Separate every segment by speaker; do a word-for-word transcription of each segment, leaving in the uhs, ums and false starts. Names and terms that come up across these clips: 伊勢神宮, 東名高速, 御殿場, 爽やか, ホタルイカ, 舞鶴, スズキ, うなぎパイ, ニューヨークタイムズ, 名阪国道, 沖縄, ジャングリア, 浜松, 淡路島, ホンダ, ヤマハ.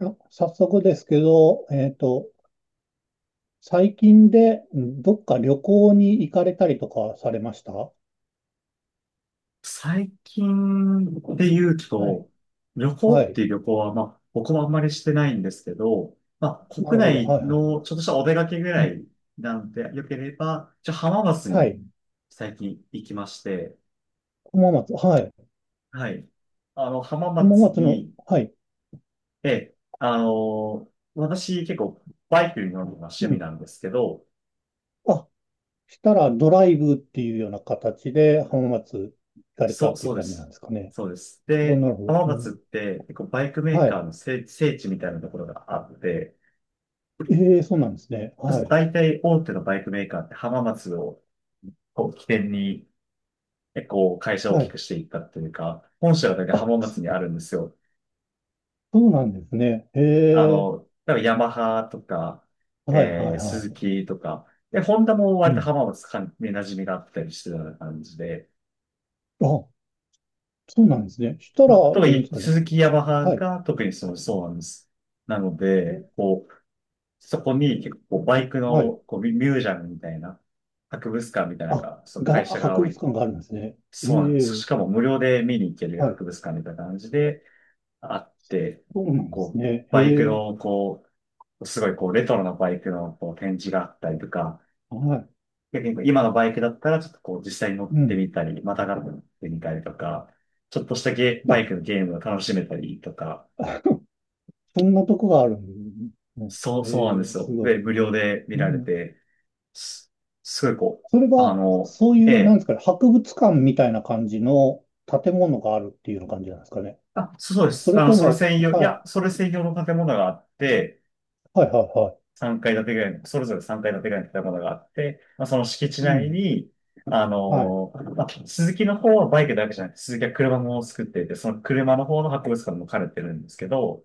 Speaker 1: あ、早速ですけど、えっと、最近でうんどっか旅行に行かれたりとかされました？は
Speaker 2: 最近で言う
Speaker 1: い。
Speaker 2: と、旅行
Speaker 1: は
Speaker 2: っ
Speaker 1: い。
Speaker 2: ていう旅行は、まあ、僕もあんまりしてないんですけど、まあ、
Speaker 1: な
Speaker 2: 国
Speaker 1: るほど。
Speaker 2: 内
Speaker 1: はいはい。
Speaker 2: のちょっとしたお出かけぐ
Speaker 1: う
Speaker 2: ら
Speaker 1: ん。
Speaker 2: い。なんて良ければ、ちょ、浜松
Speaker 1: は
Speaker 2: に
Speaker 1: い。
Speaker 2: 最近行きまして、
Speaker 1: 浜松。はい。
Speaker 2: はい。あの、浜
Speaker 1: 浜
Speaker 2: 松
Speaker 1: 松の、
Speaker 2: に、
Speaker 1: はい。
Speaker 2: ええ、あの、私結構バイクに乗るのが趣
Speaker 1: う
Speaker 2: 味
Speaker 1: ん。
Speaker 2: なんですけど、
Speaker 1: あ、したらドライブっていうような形で浜松行かれた
Speaker 2: そう、
Speaker 1: っていう
Speaker 2: そうで
Speaker 1: 感じなん
Speaker 2: す。
Speaker 1: ですかね。
Speaker 2: そうです。
Speaker 1: おな
Speaker 2: で、
Speaker 1: るほ
Speaker 2: 浜
Speaker 1: ど。う
Speaker 2: 松っ
Speaker 1: ん。
Speaker 2: て結構バイクメー
Speaker 1: は
Speaker 2: カー
Speaker 1: い。
Speaker 2: の聖、聖地みたいなところがあって、
Speaker 1: ええ、そうなんですね。
Speaker 2: そう、
Speaker 1: はい。
Speaker 2: 大体大手のバイクメーカーって浜松をこう起点に、えこう会社を大
Speaker 1: は
Speaker 2: きく
Speaker 1: い。
Speaker 2: していったっていうか、本社が大体
Speaker 1: あ、
Speaker 2: 浜
Speaker 1: そ
Speaker 2: 松にあるんですよ。
Speaker 1: そうなんですね。え
Speaker 2: あ
Speaker 1: え、
Speaker 2: の、だからヤマハとか、
Speaker 1: はい
Speaker 2: え
Speaker 1: はい
Speaker 2: ー、ス
Speaker 1: は
Speaker 2: ズ
Speaker 1: い。
Speaker 2: キとか、で、ホンダも
Speaker 1: う
Speaker 2: 割と
Speaker 1: ん。
Speaker 2: 浜松かんに馴染みがあったりしてたような感じで、
Speaker 1: あ、そうなんですね。した
Speaker 2: ま
Speaker 1: ら、
Speaker 2: あ、
Speaker 1: う
Speaker 2: 特
Speaker 1: ん、
Speaker 2: に
Speaker 1: ですか
Speaker 2: ス
Speaker 1: ね。
Speaker 2: ズキヤマハ
Speaker 1: はい。
Speaker 2: が特にその、そうなんです。なの
Speaker 1: う
Speaker 2: で、
Speaker 1: ん
Speaker 2: こう、そこに結構バイクの
Speaker 1: はい。
Speaker 2: こうミュミュージアムみたいな、博物館みたいなの
Speaker 1: あ、
Speaker 2: が、そう、会
Speaker 1: が、
Speaker 2: 社が
Speaker 1: 博
Speaker 2: 多
Speaker 1: 物
Speaker 2: い、
Speaker 1: 館があるんですね。え
Speaker 2: そうなんです。し
Speaker 1: え、
Speaker 2: かも無料で見に行ける
Speaker 1: はい。
Speaker 2: 博物館みたいな感じであって、
Speaker 1: そうなんです
Speaker 2: こう、
Speaker 1: ね。え
Speaker 2: バイク
Speaker 1: え、
Speaker 2: の、こう、すごいこう、レトロなバイクのこう展示があったりとか、
Speaker 1: はい。
Speaker 2: 逆にこう今のバイクだったら、ちょっとこう、実際に乗っ
Speaker 1: う
Speaker 2: て
Speaker 1: ん。
Speaker 2: みたり、またがってみたりとか、ちょっとしたゲ、バ
Speaker 1: あ、
Speaker 2: イクのゲームを楽しめたりとか、
Speaker 1: そんなとこがあるんですね。
Speaker 2: そう、そうなんで
Speaker 1: ええ、
Speaker 2: す
Speaker 1: す
Speaker 2: よ。
Speaker 1: ごい。
Speaker 2: で、無料で見
Speaker 1: う
Speaker 2: られ
Speaker 1: ん。
Speaker 2: て、す、すごいこう、
Speaker 1: それ
Speaker 2: あ
Speaker 1: は、
Speaker 2: の、
Speaker 1: そうい
Speaker 2: え
Speaker 1: う、なんで
Speaker 2: え、
Speaker 1: すかね、博物館みたいな感じの建物があるっていうような感じなんですかね。
Speaker 2: あ、そうそうで
Speaker 1: そ
Speaker 2: す。
Speaker 1: れ
Speaker 2: あの、
Speaker 1: と
Speaker 2: それ
Speaker 1: も、
Speaker 2: 専用、い
Speaker 1: はい。
Speaker 2: や、それ専用の建物があって、
Speaker 1: はいはいはい。
Speaker 2: さんがい建てぐらいの、それぞれさんがい建てぐらいの建物があって、まあ、その敷地
Speaker 1: う
Speaker 2: 内
Speaker 1: ん。
Speaker 2: に、あ
Speaker 1: はい。
Speaker 2: のーまあ、鈴木の方はバイクだけじゃなくて、鈴木は車も作っていて、その車の方の博物館も兼ねてるんですけど、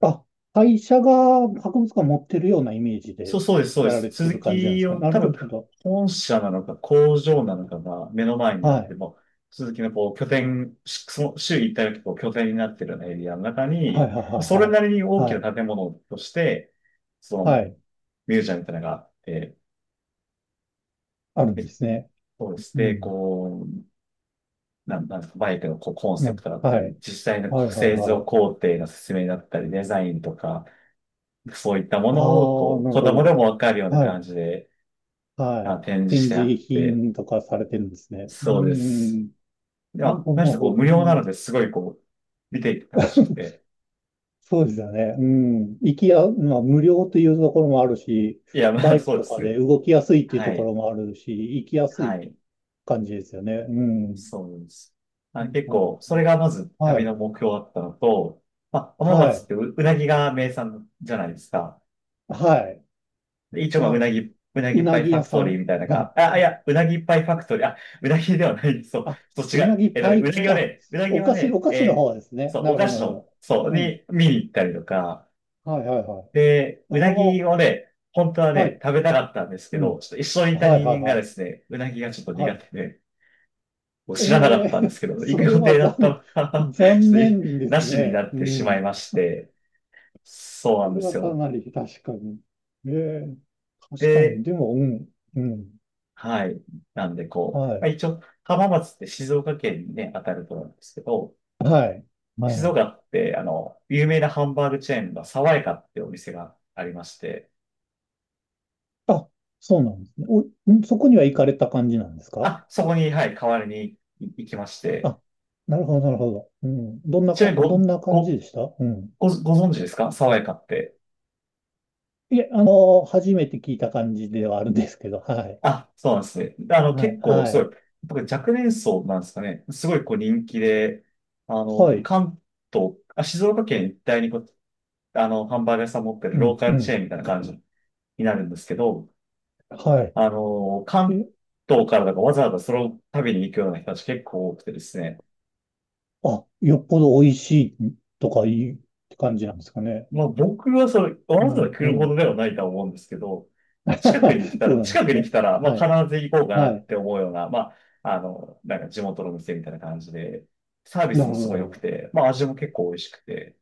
Speaker 1: あ、会社が博物館持ってるようなイメージ
Speaker 2: そう、
Speaker 1: で
Speaker 2: そうです、そうで
Speaker 1: やら
Speaker 2: す。
Speaker 1: れて
Speaker 2: 鈴
Speaker 1: る感じなんで
Speaker 2: 木
Speaker 1: すかね。
Speaker 2: を
Speaker 1: なる
Speaker 2: 多
Speaker 1: ほ
Speaker 2: 分、
Speaker 1: ど。
Speaker 2: 本社なのか工場なのかが目の前にあ
Speaker 1: は
Speaker 2: って、
Speaker 1: い。
Speaker 2: もう鈴木のこう拠点、しその週一回のこう拠点になってるようなエリアの中
Speaker 1: はいは
Speaker 2: に、
Speaker 1: いは
Speaker 2: それ
Speaker 1: い
Speaker 2: なりに大
Speaker 1: はい。
Speaker 2: き
Speaker 1: はい。
Speaker 2: な建物として、その
Speaker 1: はい。
Speaker 2: ミュージアムみたいなのがあって、
Speaker 1: ある
Speaker 2: め
Speaker 1: ん
Speaker 2: っ
Speaker 1: ですね。
Speaker 2: そうし
Speaker 1: う
Speaker 2: て、
Speaker 1: ん。
Speaker 2: こう、なん、なんですか、バイクのこうコン
Speaker 1: う
Speaker 2: セプ
Speaker 1: ん。
Speaker 2: トだった
Speaker 1: は
Speaker 2: り、
Speaker 1: い。
Speaker 2: 実際のこ
Speaker 1: はい
Speaker 2: う
Speaker 1: はい
Speaker 2: 製
Speaker 1: は
Speaker 2: 造
Speaker 1: い。
Speaker 2: 工程の説明だったり、デザインとか、そういったも
Speaker 1: あ
Speaker 2: のを、
Speaker 1: あ、
Speaker 2: こう、
Speaker 1: なる
Speaker 2: 子供
Speaker 1: ほ
Speaker 2: でもわかるよう
Speaker 1: ど。
Speaker 2: な
Speaker 1: は
Speaker 2: 感
Speaker 1: い。
Speaker 2: じで、
Speaker 1: は
Speaker 2: あ、
Speaker 1: い。
Speaker 2: 展示し
Speaker 1: 展
Speaker 2: てあ
Speaker 1: 示
Speaker 2: って、
Speaker 1: 品とかされてるんですね。う
Speaker 2: そうです。
Speaker 1: ん。
Speaker 2: で
Speaker 1: なるほ
Speaker 2: は、
Speaker 1: ど、
Speaker 2: 何
Speaker 1: な
Speaker 2: し
Speaker 1: る
Speaker 2: ろこ
Speaker 1: ほ
Speaker 2: う、
Speaker 1: ど。う
Speaker 2: 無料なの
Speaker 1: ん
Speaker 2: で、すごいこう、見ていて楽しく て。
Speaker 1: そうですよね。うん。行きや、まあ、無料というところもあるし、
Speaker 2: いや、ま
Speaker 1: バ
Speaker 2: あ、
Speaker 1: イク
Speaker 2: そうで
Speaker 1: と
Speaker 2: す
Speaker 1: か
Speaker 2: ね。
Speaker 1: で動きやすいっていうと
Speaker 2: は
Speaker 1: こ
Speaker 2: い。
Speaker 1: ろもあるし、行きやす
Speaker 2: は
Speaker 1: い
Speaker 2: い。
Speaker 1: 感じですよね。うん。
Speaker 2: そうです。まあ、
Speaker 1: なる
Speaker 2: 結
Speaker 1: ほ
Speaker 2: 構、
Speaker 1: ど。
Speaker 2: それがまず
Speaker 1: は
Speaker 2: 旅の
Speaker 1: い。
Speaker 2: 目標だったのと、まあ、浜
Speaker 1: は
Speaker 2: 松っ
Speaker 1: い。
Speaker 2: てう、うなぎが名産じゃないですか。
Speaker 1: はい。
Speaker 2: で一応、まあ、う
Speaker 1: あ、
Speaker 2: なぎ、うな
Speaker 1: う
Speaker 2: ぎパ
Speaker 1: な
Speaker 2: イ
Speaker 1: ぎ
Speaker 2: ファ
Speaker 1: 屋
Speaker 2: ク
Speaker 1: さ
Speaker 2: トリー
Speaker 1: ん。
Speaker 2: みたいなの
Speaker 1: は
Speaker 2: が、
Speaker 1: い。
Speaker 2: あ、いや、うなぎパイファクトリー、あ、うなぎではない、そ
Speaker 1: あ、
Speaker 2: う、そう違
Speaker 1: うな
Speaker 2: う。
Speaker 1: ぎ
Speaker 2: えっと
Speaker 1: パ
Speaker 2: ね、うな
Speaker 1: イ、
Speaker 2: ぎは
Speaker 1: あ、
Speaker 2: ね、うなぎ
Speaker 1: お
Speaker 2: は
Speaker 1: 菓子、
Speaker 2: ね、
Speaker 1: お菓子の
Speaker 2: え
Speaker 1: 方
Speaker 2: ー
Speaker 1: ですね。
Speaker 2: そう、
Speaker 1: な
Speaker 2: お
Speaker 1: るほ
Speaker 2: 菓
Speaker 1: ど、な
Speaker 2: 子
Speaker 1: るほ
Speaker 2: の、そう、
Speaker 1: ど。うん。
Speaker 2: に見に行ったりとか、
Speaker 1: はい、はい、はい。
Speaker 2: で、
Speaker 1: あ
Speaker 2: う
Speaker 1: あ、
Speaker 2: なぎをね、本当は
Speaker 1: は
Speaker 2: ね、
Speaker 1: い。
Speaker 2: 食べたかったんですけ
Speaker 1: う
Speaker 2: ど、
Speaker 1: ん。
Speaker 2: ちょっと一緒にいた
Speaker 1: はい、
Speaker 2: 人
Speaker 1: はい、
Speaker 2: 間が
Speaker 1: は
Speaker 2: で
Speaker 1: い。
Speaker 2: すね、うなぎがちょっと
Speaker 1: は
Speaker 2: 苦
Speaker 1: い。
Speaker 2: 手で、もう
Speaker 1: え
Speaker 2: 知らなかったんです
Speaker 1: え
Speaker 2: けど、行
Speaker 1: そ
Speaker 2: く
Speaker 1: れ
Speaker 2: 予
Speaker 1: は
Speaker 2: 定だった
Speaker 1: 残、
Speaker 2: のが、 ちょっ
Speaker 1: 残
Speaker 2: とい
Speaker 1: 念で
Speaker 2: な
Speaker 1: す
Speaker 2: しにな
Speaker 1: ね。
Speaker 2: っ
Speaker 1: う
Speaker 2: てしま
Speaker 1: ん。
Speaker 2: いまして、そうな
Speaker 1: そ
Speaker 2: ん
Speaker 1: れ
Speaker 2: で
Speaker 1: は
Speaker 2: す
Speaker 1: か
Speaker 2: よ。
Speaker 1: なり確かに。ええ確かに。
Speaker 2: で、
Speaker 1: でも、うん、うん。
Speaker 2: はい。なんで、こう、
Speaker 1: は
Speaker 2: まあ、
Speaker 1: い、
Speaker 2: 一応、浜松って静岡県にね、当たると思うんですけど、
Speaker 1: はい、
Speaker 2: 静
Speaker 1: はい。
Speaker 2: 岡って、あの、有名なハンバーグチェーンの爽やかってお店がありまして、
Speaker 1: あ、そうなんですね。お、んそこには行かれた感じなんですか？
Speaker 2: あ、そこに、はい、代わりにい行きまして、
Speaker 1: あ、なるほど、なるほど。うん。どんな
Speaker 2: ちな
Speaker 1: か、
Speaker 2: み
Speaker 1: ど
Speaker 2: に
Speaker 1: んな感
Speaker 2: ご、
Speaker 1: じ
Speaker 2: ご、
Speaker 1: でした？うん。
Speaker 2: ご、ご存知ですか、爽やかって。
Speaker 1: いえ、あの、初めて聞いた感じではあるんですけど、はい。
Speaker 2: あ、そうなんですね。で、あの、
Speaker 1: はい、
Speaker 2: 結構、
Speaker 1: は
Speaker 2: すご
Speaker 1: い。
Speaker 2: い、僕若年層なんですかね。すごい、こう、人気で、あの、
Speaker 1: はい。
Speaker 2: 関東、あ、静岡県一帯にこう、あの、ハンバーグ屋さん持ってる
Speaker 1: うん、
Speaker 2: ローカ
Speaker 1: う
Speaker 2: ルチ
Speaker 1: ん。
Speaker 2: ェーンみたいな感じになるんですけど、
Speaker 1: は
Speaker 2: あの、
Speaker 1: い。
Speaker 2: 関
Speaker 1: え、
Speaker 2: 東からだからわざわざその旅に行くような人たち結構多くてですね。
Speaker 1: あ、よっぽど美味しいとかいいって感じなんですかね。
Speaker 2: まあ僕はそれ、わ
Speaker 1: う
Speaker 2: ざわざ
Speaker 1: ん、う
Speaker 2: 来るほど
Speaker 1: ん。
Speaker 2: ではないとは思うんですけど、近くに来 た
Speaker 1: そう
Speaker 2: ら、
Speaker 1: なんで
Speaker 2: 近く
Speaker 1: す
Speaker 2: に来
Speaker 1: ね。
Speaker 2: たら、ま
Speaker 1: はい、
Speaker 2: あ必ず行こうかな
Speaker 1: は
Speaker 2: っ
Speaker 1: い。
Speaker 2: て思うような、まあ、あの、なんか地元の店みたいな感じで、サービ
Speaker 1: な
Speaker 2: スも
Speaker 1: る
Speaker 2: すごい良く
Speaker 1: ほ
Speaker 2: て、まあ味も結構美味しくて、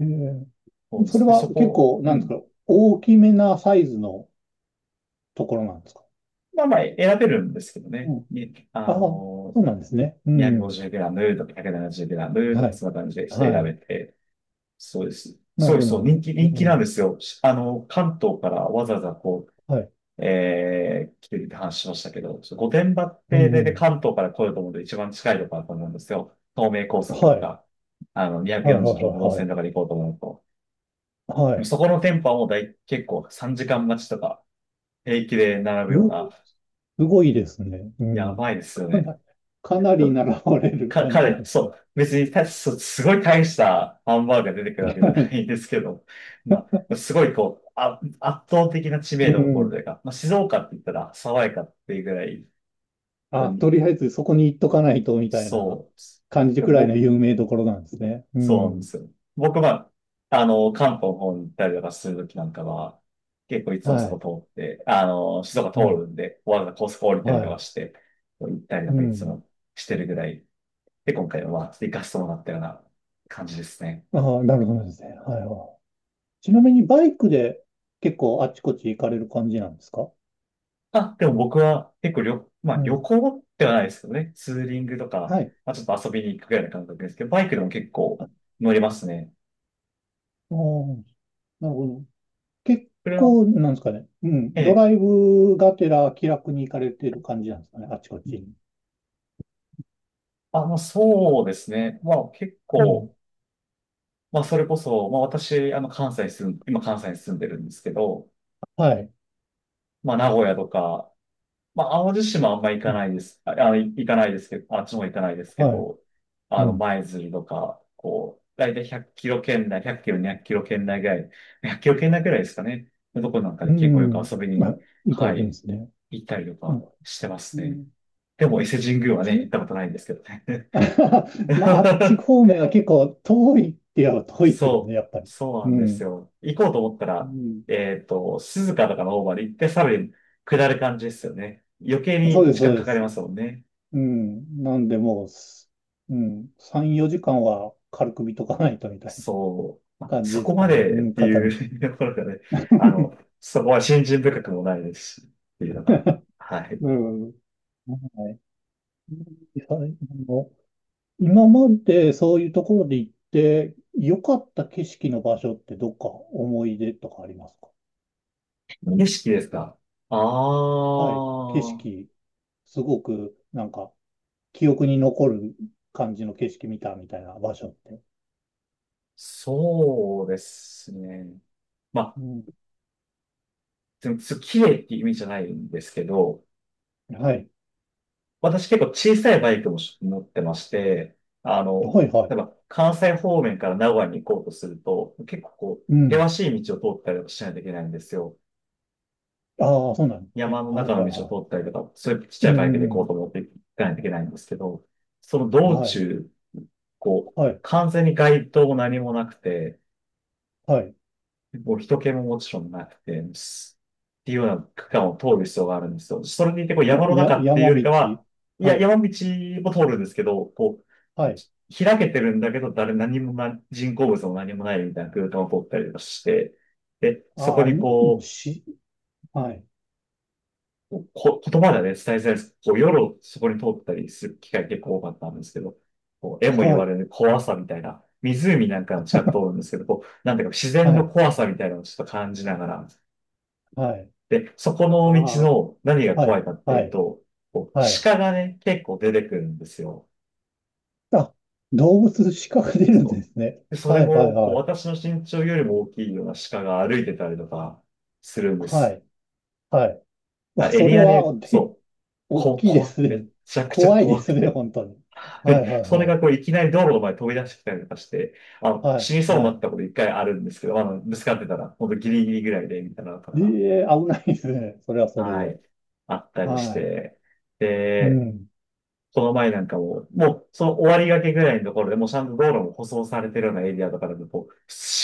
Speaker 1: ど。えー
Speaker 2: そうで
Speaker 1: それ
Speaker 2: す。で、
Speaker 1: は
Speaker 2: そ
Speaker 1: 結
Speaker 2: こ、
Speaker 1: 構、
Speaker 2: う
Speaker 1: なんです
Speaker 2: ん、
Speaker 1: か、大きめなサイズのところなんですか？
Speaker 2: まあまあ選べるんですけど
Speaker 1: う
Speaker 2: ね。
Speaker 1: ん。
Speaker 2: にあ
Speaker 1: ああ、そ
Speaker 2: の、
Speaker 1: うなんですね。う
Speaker 2: に ご
Speaker 1: ん。
Speaker 2: ぜろムとかいち なな ぜろムと
Speaker 1: は
Speaker 2: か
Speaker 1: い。
Speaker 2: そんな感じでして
Speaker 1: は
Speaker 2: 選べ
Speaker 1: い。
Speaker 2: て、そうです。
Speaker 1: な
Speaker 2: そ
Speaker 1: る
Speaker 2: うで
Speaker 1: ほ
Speaker 2: す、
Speaker 1: ど、
Speaker 2: そ
Speaker 1: な
Speaker 2: う、
Speaker 1: る
Speaker 2: 人
Speaker 1: ほ
Speaker 2: 気、
Speaker 1: ど。
Speaker 2: 人
Speaker 1: う
Speaker 2: 気なんで
Speaker 1: ん。
Speaker 2: すよ。しあの、関東からわざわざこう、
Speaker 1: はい。
Speaker 2: えー、来てるって話しましたけど、ちょ御殿場っ
Speaker 1: うん、
Speaker 2: て、
Speaker 1: う
Speaker 2: で、で、
Speaker 1: ん。
Speaker 2: 関東から来ようと思うと一番近いところだと思うんですよ。東名高速
Speaker 1: は
Speaker 2: と
Speaker 1: い。
Speaker 2: か、あの、
Speaker 1: はい、はい、は
Speaker 2: にひゃくよんじゅうろく号
Speaker 1: い、は
Speaker 2: 線と
Speaker 1: い。
Speaker 2: かで行こうと思うと。
Speaker 1: は
Speaker 2: でも
Speaker 1: い。
Speaker 2: そこの店舗はもうだい、結構さんじかん待ちとか、平気で並ぶよう
Speaker 1: う
Speaker 2: な、
Speaker 1: すごいですね。う
Speaker 2: やば
Speaker 1: ん。
Speaker 2: いですよ
Speaker 1: か
Speaker 2: ね。
Speaker 1: な、かなり習われる
Speaker 2: か、
Speaker 1: 感
Speaker 2: か
Speaker 1: じ
Speaker 2: な
Speaker 1: な
Speaker 2: り、
Speaker 1: んです
Speaker 2: そ
Speaker 1: ね。
Speaker 2: う、別にたす、すごい大したハンバーグが出てくるわ けじゃ
Speaker 1: は
Speaker 2: な
Speaker 1: い。
Speaker 2: いんですけど、まあ、すごいこう、あ、圧倒的な知
Speaker 1: う
Speaker 2: 名度を誇ると
Speaker 1: ん。
Speaker 2: いうか、まあ、静岡って言ったら爽やかっていうぐらい、こ
Speaker 1: あ、
Speaker 2: う、
Speaker 1: とりあえずそこに行っとかないとみたいな
Speaker 2: そうです。
Speaker 1: 感じ
Speaker 2: で、
Speaker 1: くらいの
Speaker 2: 僕、
Speaker 1: 有名どころなんですね。う
Speaker 2: そうなんで
Speaker 1: ん。
Speaker 2: すよ。僕は、あの、関東の方に行ったりとかするときなんかは、結構いつも
Speaker 1: は
Speaker 2: そこ
Speaker 1: い。
Speaker 2: 通って、あの、静岡通
Speaker 1: はい。
Speaker 2: るんで、わざわざ高速降りたり
Speaker 1: は
Speaker 2: とか
Speaker 1: い。
Speaker 2: して、こう行ったりと
Speaker 1: う
Speaker 2: かいつ
Speaker 1: ん。
Speaker 2: もしてるぐらい、で、今回は、まあ行かせてもらったような感じですね。
Speaker 1: ああ、なるほどですね。はいはい。ちなみにバイクで結構あっちこっち行かれる感じなんですか？
Speaker 2: あ、でも僕は結構旅、ま
Speaker 1: う
Speaker 2: あ旅
Speaker 1: ん。
Speaker 2: 行ではないですけどね。ツーリングとか、
Speaker 1: はい。
Speaker 2: まあちょっと遊びに行くぐらいの感覚ですけど、バイクでも結構
Speaker 1: あ、あ
Speaker 2: 乗りますね。
Speaker 1: ーなるほど。結
Speaker 2: これは、
Speaker 1: 構、なんですかね。う
Speaker 2: え
Speaker 1: ん。ド
Speaker 2: え、
Speaker 1: ライブがてら気楽に行かれている感じなんですかね。あちこちに。
Speaker 2: あ、まあそうですね。まあ結
Speaker 1: うん。
Speaker 2: 構、まあそれこそ、まあ私、あの関西に住ん、今関西に住んでるんですけど、
Speaker 1: はい。
Speaker 2: まあ名古屋とか、まあ、淡路島はあんま行
Speaker 1: う
Speaker 2: か
Speaker 1: ん。
Speaker 2: ないです。あ、あ行かないですけど、あっちも行かないですけ
Speaker 1: はい。
Speaker 2: ど、あ
Speaker 1: う
Speaker 2: の、
Speaker 1: ん。
Speaker 2: 舞鶴とか、こう、だいたいひゃくキロ圏内、ひゃくキロ、にひゃくキロ圏内ぐらい、ひゃくキロ圏内ぐらいですかね、のとこなんか
Speaker 1: う
Speaker 2: で結構よく
Speaker 1: ん。
Speaker 2: 遊び
Speaker 1: ま
Speaker 2: に、
Speaker 1: あ、行かれ
Speaker 2: は
Speaker 1: てるんで
Speaker 2: い、
Speaker 1: すね。
Speaker 2: 行ったりと
Speaker 1: うん。
Speaker 2: かしてますね。でも伊勢神宮は
Speaker 1: ち
Speaker 2: ね、
Speaker 1: な
Speaker 2: 行ったことないんですけどね。
Speaker 1: まあ、あっち 方面は結構遠いって言えば遠いですよね、
Speaker 2: そう、
Speaker 1: やっぱり。
Speaker 2: そうな
Speaker 1: う
Speaker 2: んです
Speaker 1: ん。
Speaker 2: よ。行こうと思った
Speaker 1: う
Speaker 2: ら、
Speaker 1: ん。
Speaker 2: えっと、静かとかの方まで行って、さらに下る感じですよね。余計
Speaker 1: そう
Speaker 2: に
Speaker 1: です、
Speaker 2: 時間
Speaker 1: そう
Speaker 2: か
Speaker 1: で
Speaker 2: かり
Speaker 1: す。
Speaker 2: ますもんね。
Speaker 1: うん。なんで、もうす、うん。さん、よじかんは軽く見とかないとみたいな
Speaker 2: そう、まあ、
Speaker 1: 感じ
Speaker 2: そ
Speaker 1: で
Speaker 2: こ
Speaker 1: す
Speaker 2: ま
Speaker 1: かね。う
Speaker 2: でっ
Speaker 1: ん、
Speaker 2: て
Speaker 1: 片道。
Speaker 2: いう、 ところがね、あの、そこは信心深くもないですし、っていうのが、はい。
Speaker 1: うんはいはいあの今までそういうところで行って良かった景色の場所ってどっか思い出とかありますか？
Speaker 2: 景色ですか。ああ
Speaker 1: はい。景
Speaker 2: ー、
Speaker 1: 色、すごくなんか記憶に残る感じの景色見たみたいな場所って。
Speaker 2: そうですね。ま
Speaker 1: う
Speaker 2: あ、
Speaker 1: ん。
Speaker 2: でもす綺麗っていう意味じゃないんですけど、
Speaker 1: はい。
Speaker 2: 私結構小さいバイクも持ってまして、あの、
Speaker 1: はいは
Speaker 2: 例え
Speaker 1: い。
Speaker 2: ば関西方面から名古屋に行こうとすると、結構こ
Speaker 1: う
Speaker 2: う、
Speaker 1: ん。
Speaker 2: 険しい道を通ったりとかしないといけないんですよ。
Speaker 1: ああ、そうなんです
Speaker 2: 山
Speaker 1: ね。
Speaker 2: の
Speaker 1: はい
Speaker 2: 中
Speaker 1: は
Speaker 2: の
Speaker 1: い
Speaker 2: 道
Speaker 1: は
Speaker 2: を通ったりとか、そういうちっ
Speaker 1: い。
Speaker 2: ちゃ
Speaker 1: う
Speaker 2: いバイク
Speaker 1: ん
Speaker 2: で
Speaker 1: う
Speaker 2: 行こうと
Speaker 1: ん
Speaker 2: 思って行かないといけないんですけど、その
Speaker 1: うん。
Speaker 2: 道
Speaker 1: はい。
Speaker 2: 中、こう、
Speaker 1: はい。
Speaker 2: 完全に街灯も何もなくて、
Speaker 1: はい。
Speaker 2: もう人気ももちろんなくて、すっていうような区間を通る必要があるんですよ。それにいて、こう山の
Speaker 1: や、
Speaker 2: 中っていう
Speaker 1: 山
Speaker 2: より
Speaker 1: 道。
Speaker 2: かは、い
Speaker 1: は
Speaker 2: や、
Speaker 1: い。
Speaker 2: 山道も通るんですけど、こ
Speaker 1: はい。
Speaker 2: う、開けてるんだけど、誰、何もな、人工物も何もないみたいな空間を通ったりとかして、で、そこ
Speaker 1: ああ、
Speaker 2: に
Speaker 1: ももう
Speaker 2: こう、
Speaker 1: し、はい。
Speaker 2: こ、言葉ではね、伝えづらいです。こう、夜をそこに通ったりする機会結構多かったんですけど、こう、絵も言
Speaker 1: は
Speaker 2: われ
Speaker 1: い。
Speaker 2: る怖さみたいな、湖なんかの近く通るんですけど、こう、なんていうか自然
Speaker 1: は
Speaker 2: の
Speaker 1: い。
Speaker 2: 怖さみたいなのをちょっと感じながら、
Speaker 1: はい。
Speaker 2: で、そこ
Speaker 1: あ
Speaker 2: の道
Speaker 1: あ。
Speaker 2: の何が
Speaker 1: は
Speaker 2: 怖
Speaker 1: い、
Speaker 2: いかって
Speaker 1: は
Speaker 2: いう
Speaker 1: い、
Speaker 2: と、こう、
Speaker 1: はい。
Speaker 2: 鹿がね、結構出てくるんですよ。
Speaker 1: あ、動物視覚出るんで
Speaker 2: そ
Speaker 1: すね。
Speaker 2: うで、それ
Speaker 1: はい、はい、
Speaker 2: も、こう、
Speaker 1: はい。
Speaker 2: 私の身長よりも大きいような鹿が歩いてたりとかするんで
Speaker 1: は
Speaker 2: す。
Speaker 1: い、はい。
Speaker 2: あ、
Speaker 1: わ
Speaker 2: エ
Speaker 1: それ
Speaker 2: リア
Speaker 1: は、
Speaker 2: で、
Speaker 1: で、
Speaker 2: そう、
Speaker 1: 大
Speaker 2: こ、
Speaker 1: きいで
Speaker 2: 怖、
Speaker 1: す
Speaker 2: め
Speaker 1: ね。
Speaker 2: ちゃくちゃ
Speaker 1: 怖いで
Speaker 2: 怖く
Speaker 1: すね、
Speaker 2: て。
Speaker 1: 本当に。はい、は い、
Speaker 2: それが
Speaker 1: は
Speaker 2: こういきなり道路の前に飛び出してきたりとかして、あ
Speaker 1: い。
Speaker 2: の、
Speaker 1: は
Speaker 2: 死
Speaker 1: い、
Speaker 2: にそうにな
Speaker 1: は
Speaker 2: ったこといっかいあるんですけど、まあの、ぶつかってたら、ほんとギリギリぐらいで、みたいなのとか
Speaker 1: い。
Speaker 2: が、
Speaker 1: ええ、危ないですね。それはそれ
Speaker 2: は
Speaker 1: で。
Speaker 2: い、あったりし
Speaker 1: はい。
Speaker 2: て。
Speaker 1: う
Speaker 2: で、
Speaker 1: ん。
Speaker 2: この前なんかも、もう、その終わりがけぐらいのところでもうちゃんと道路も舗装されてるようなエリアとかでも、こう、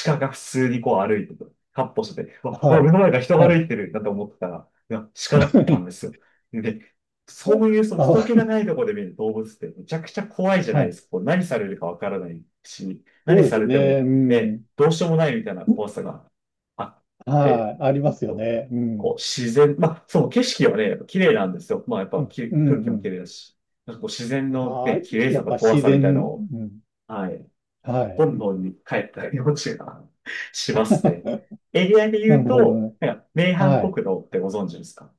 Speaker 2: 鹿が普通にこう歩いてとカッ歩してて、わ、
Speaker 1: は
Speaker 2: わ
Speaker 1: い、
Speaker 2: 目の前が人が
Speaker 1: は
Speaker 2: 歩
Speaker 1: い。
Speaker 2: いてるなんて思ってたら、いや、鹿だったんで すよ。で、そういうその人気
Speaker 1: あ、
Speaker 2: がないところで見る動物ってめちゃくちゃ怖いじゃな
Speaker 1: は
Speaker 2: いで
Speaker 1: い。
Speaker 2: すか。こう何されるかわからないし、
Speaker 1: そ
Speaker 2: 何
Speaker 1: うで
Speaker 2: さ
Speaker 1: す
Speaker 2: れても、
Speaker 1: ね。う
Speaker 2: ね、
Speaker 1: ん。
Speaker 2: どうしようもないみたいな
Speaker 1: う
Speaker 2: 怖さがあって、
Speaker 1: はい。ありますよね。う
Speaker 2: こう、
Speaker 1: ん。
Speaker 2: 自然、まあ、その景色はね、やっぱ綺麗なんですよ。まあ、やっ
Speaker 1: う
Speaker 2: ぱ
Speaker 1: ん、
Speaker 2: き
Speaker 1: うん、
Speaker 2: 空気
Speaker 1: う
Speaker 2: も
Speaker 1: ん。
Speaker 2: 綺麗だし、なんかこう、自然の
Speaker 1: ああ、
Speaker 2: ね、綺麗
Speaker 1: や
Speaker 2: さ
Speaker 1: っ
Speaker 2: と
Speaker 1: ぱ
Speaker 2: 怖
Speaker 1: 自
Speaker 2: さみたいなの
Speaker 1: 然、
Speaker 2: を、
Speaker 1: うん。
Speaker 2: はい、
Speaker 1: はい。
Speaker 2: 本能に帰ったようちが しますね。エリアで
Speaker 1: な
Speaker 2: 言う
Speaker 1: るほ
Speaker 2: と、
Speaker 1: ど。
Speaker 2: なんか、名阪
Speaker 1: はい。
Speaker 2: 国道ってご存知ですか？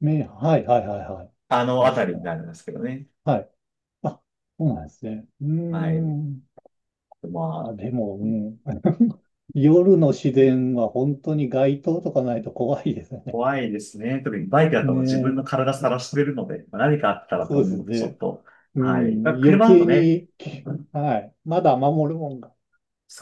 Speaker 1: め、はい、はい、はい、はい。
Speaker 2: あ
Speaker 1: い
Speaker 2: の
Speaker 1: ま
Speaker 2: あた
Speaker 1: し
Speaker 2: りにな
Speaker 1: た。
Speaker 2: るんですけどね。
Speaker 1: はい。あ、そうなんですね。うー
Speaker 2: はい。
Speaker 1: ん。
Speaker 2: ま
Speaker 1: あ、
Speaker 2: あ、
Speaker 1: でも、うん。夜の自然は本当に街灯とかないと怖いですね。
Speaker 2: 怖いですね。特にバイクだと
Speaker 1: ね
Speaker 2: 自分
Speaker 1: え。
Speaker 2: の体さらしてるので、まあ何かあったらと
Speaker 1: そうで
Speaker 2: 思
Speaker 1: す
Speaker 2: うと、ちょっ
Speaker 1: ね。
Speaker 2: と、
Speaker 1: う
Speaker 2: はい。
Speaker 1: ん。
Speaker 2: まあ
Speaker 1: 余
Speaker 2: 車だと
Speaker 1: 計
Speaker 2: ね、
Speaker 1: に、はい。まだ守るもんが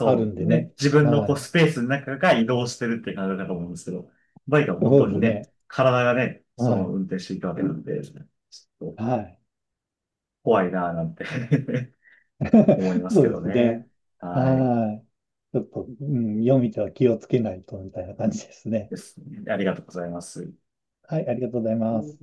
Speaker 1: あるんで
Speaker 2: う。で、
Speaker 1: ね。
Speaker 2: 自分の
Speaker 1: は
Speaker 2: こう
Speaker 1: い。
Speaker 2: スペースの中が移動してるって感じだと思うんですけど、バイクは本
Speaker 1: そう
Speaker 2: 当
Speaker 1: で
Speaker 2: に
Speaker 1: す
Speaker 2: ね、
Speaker 1: ね。
Speaker 2: 体がね、そ
Speaker 1: は
Speaker 2: の
Speaker 1: い。
Speaker 2: 運転していくわけなんで、ちょっと
Speaker 1: はい。
Speaker 2: 怖いなぁなんて 思いま す
Speaker 1: そう
Speaker 2: け
Speaker 1: で
Speaker 2: ど
Speaker 1: すね。
Speaker 2: ね。はい。
Speaker 1: はい。ちょっと、うん、夜道は気をつけないとみたいな感じですね。
Speaker 2: ですね。ありがとうございます。
Speaker 1: はい、ありがとうございます。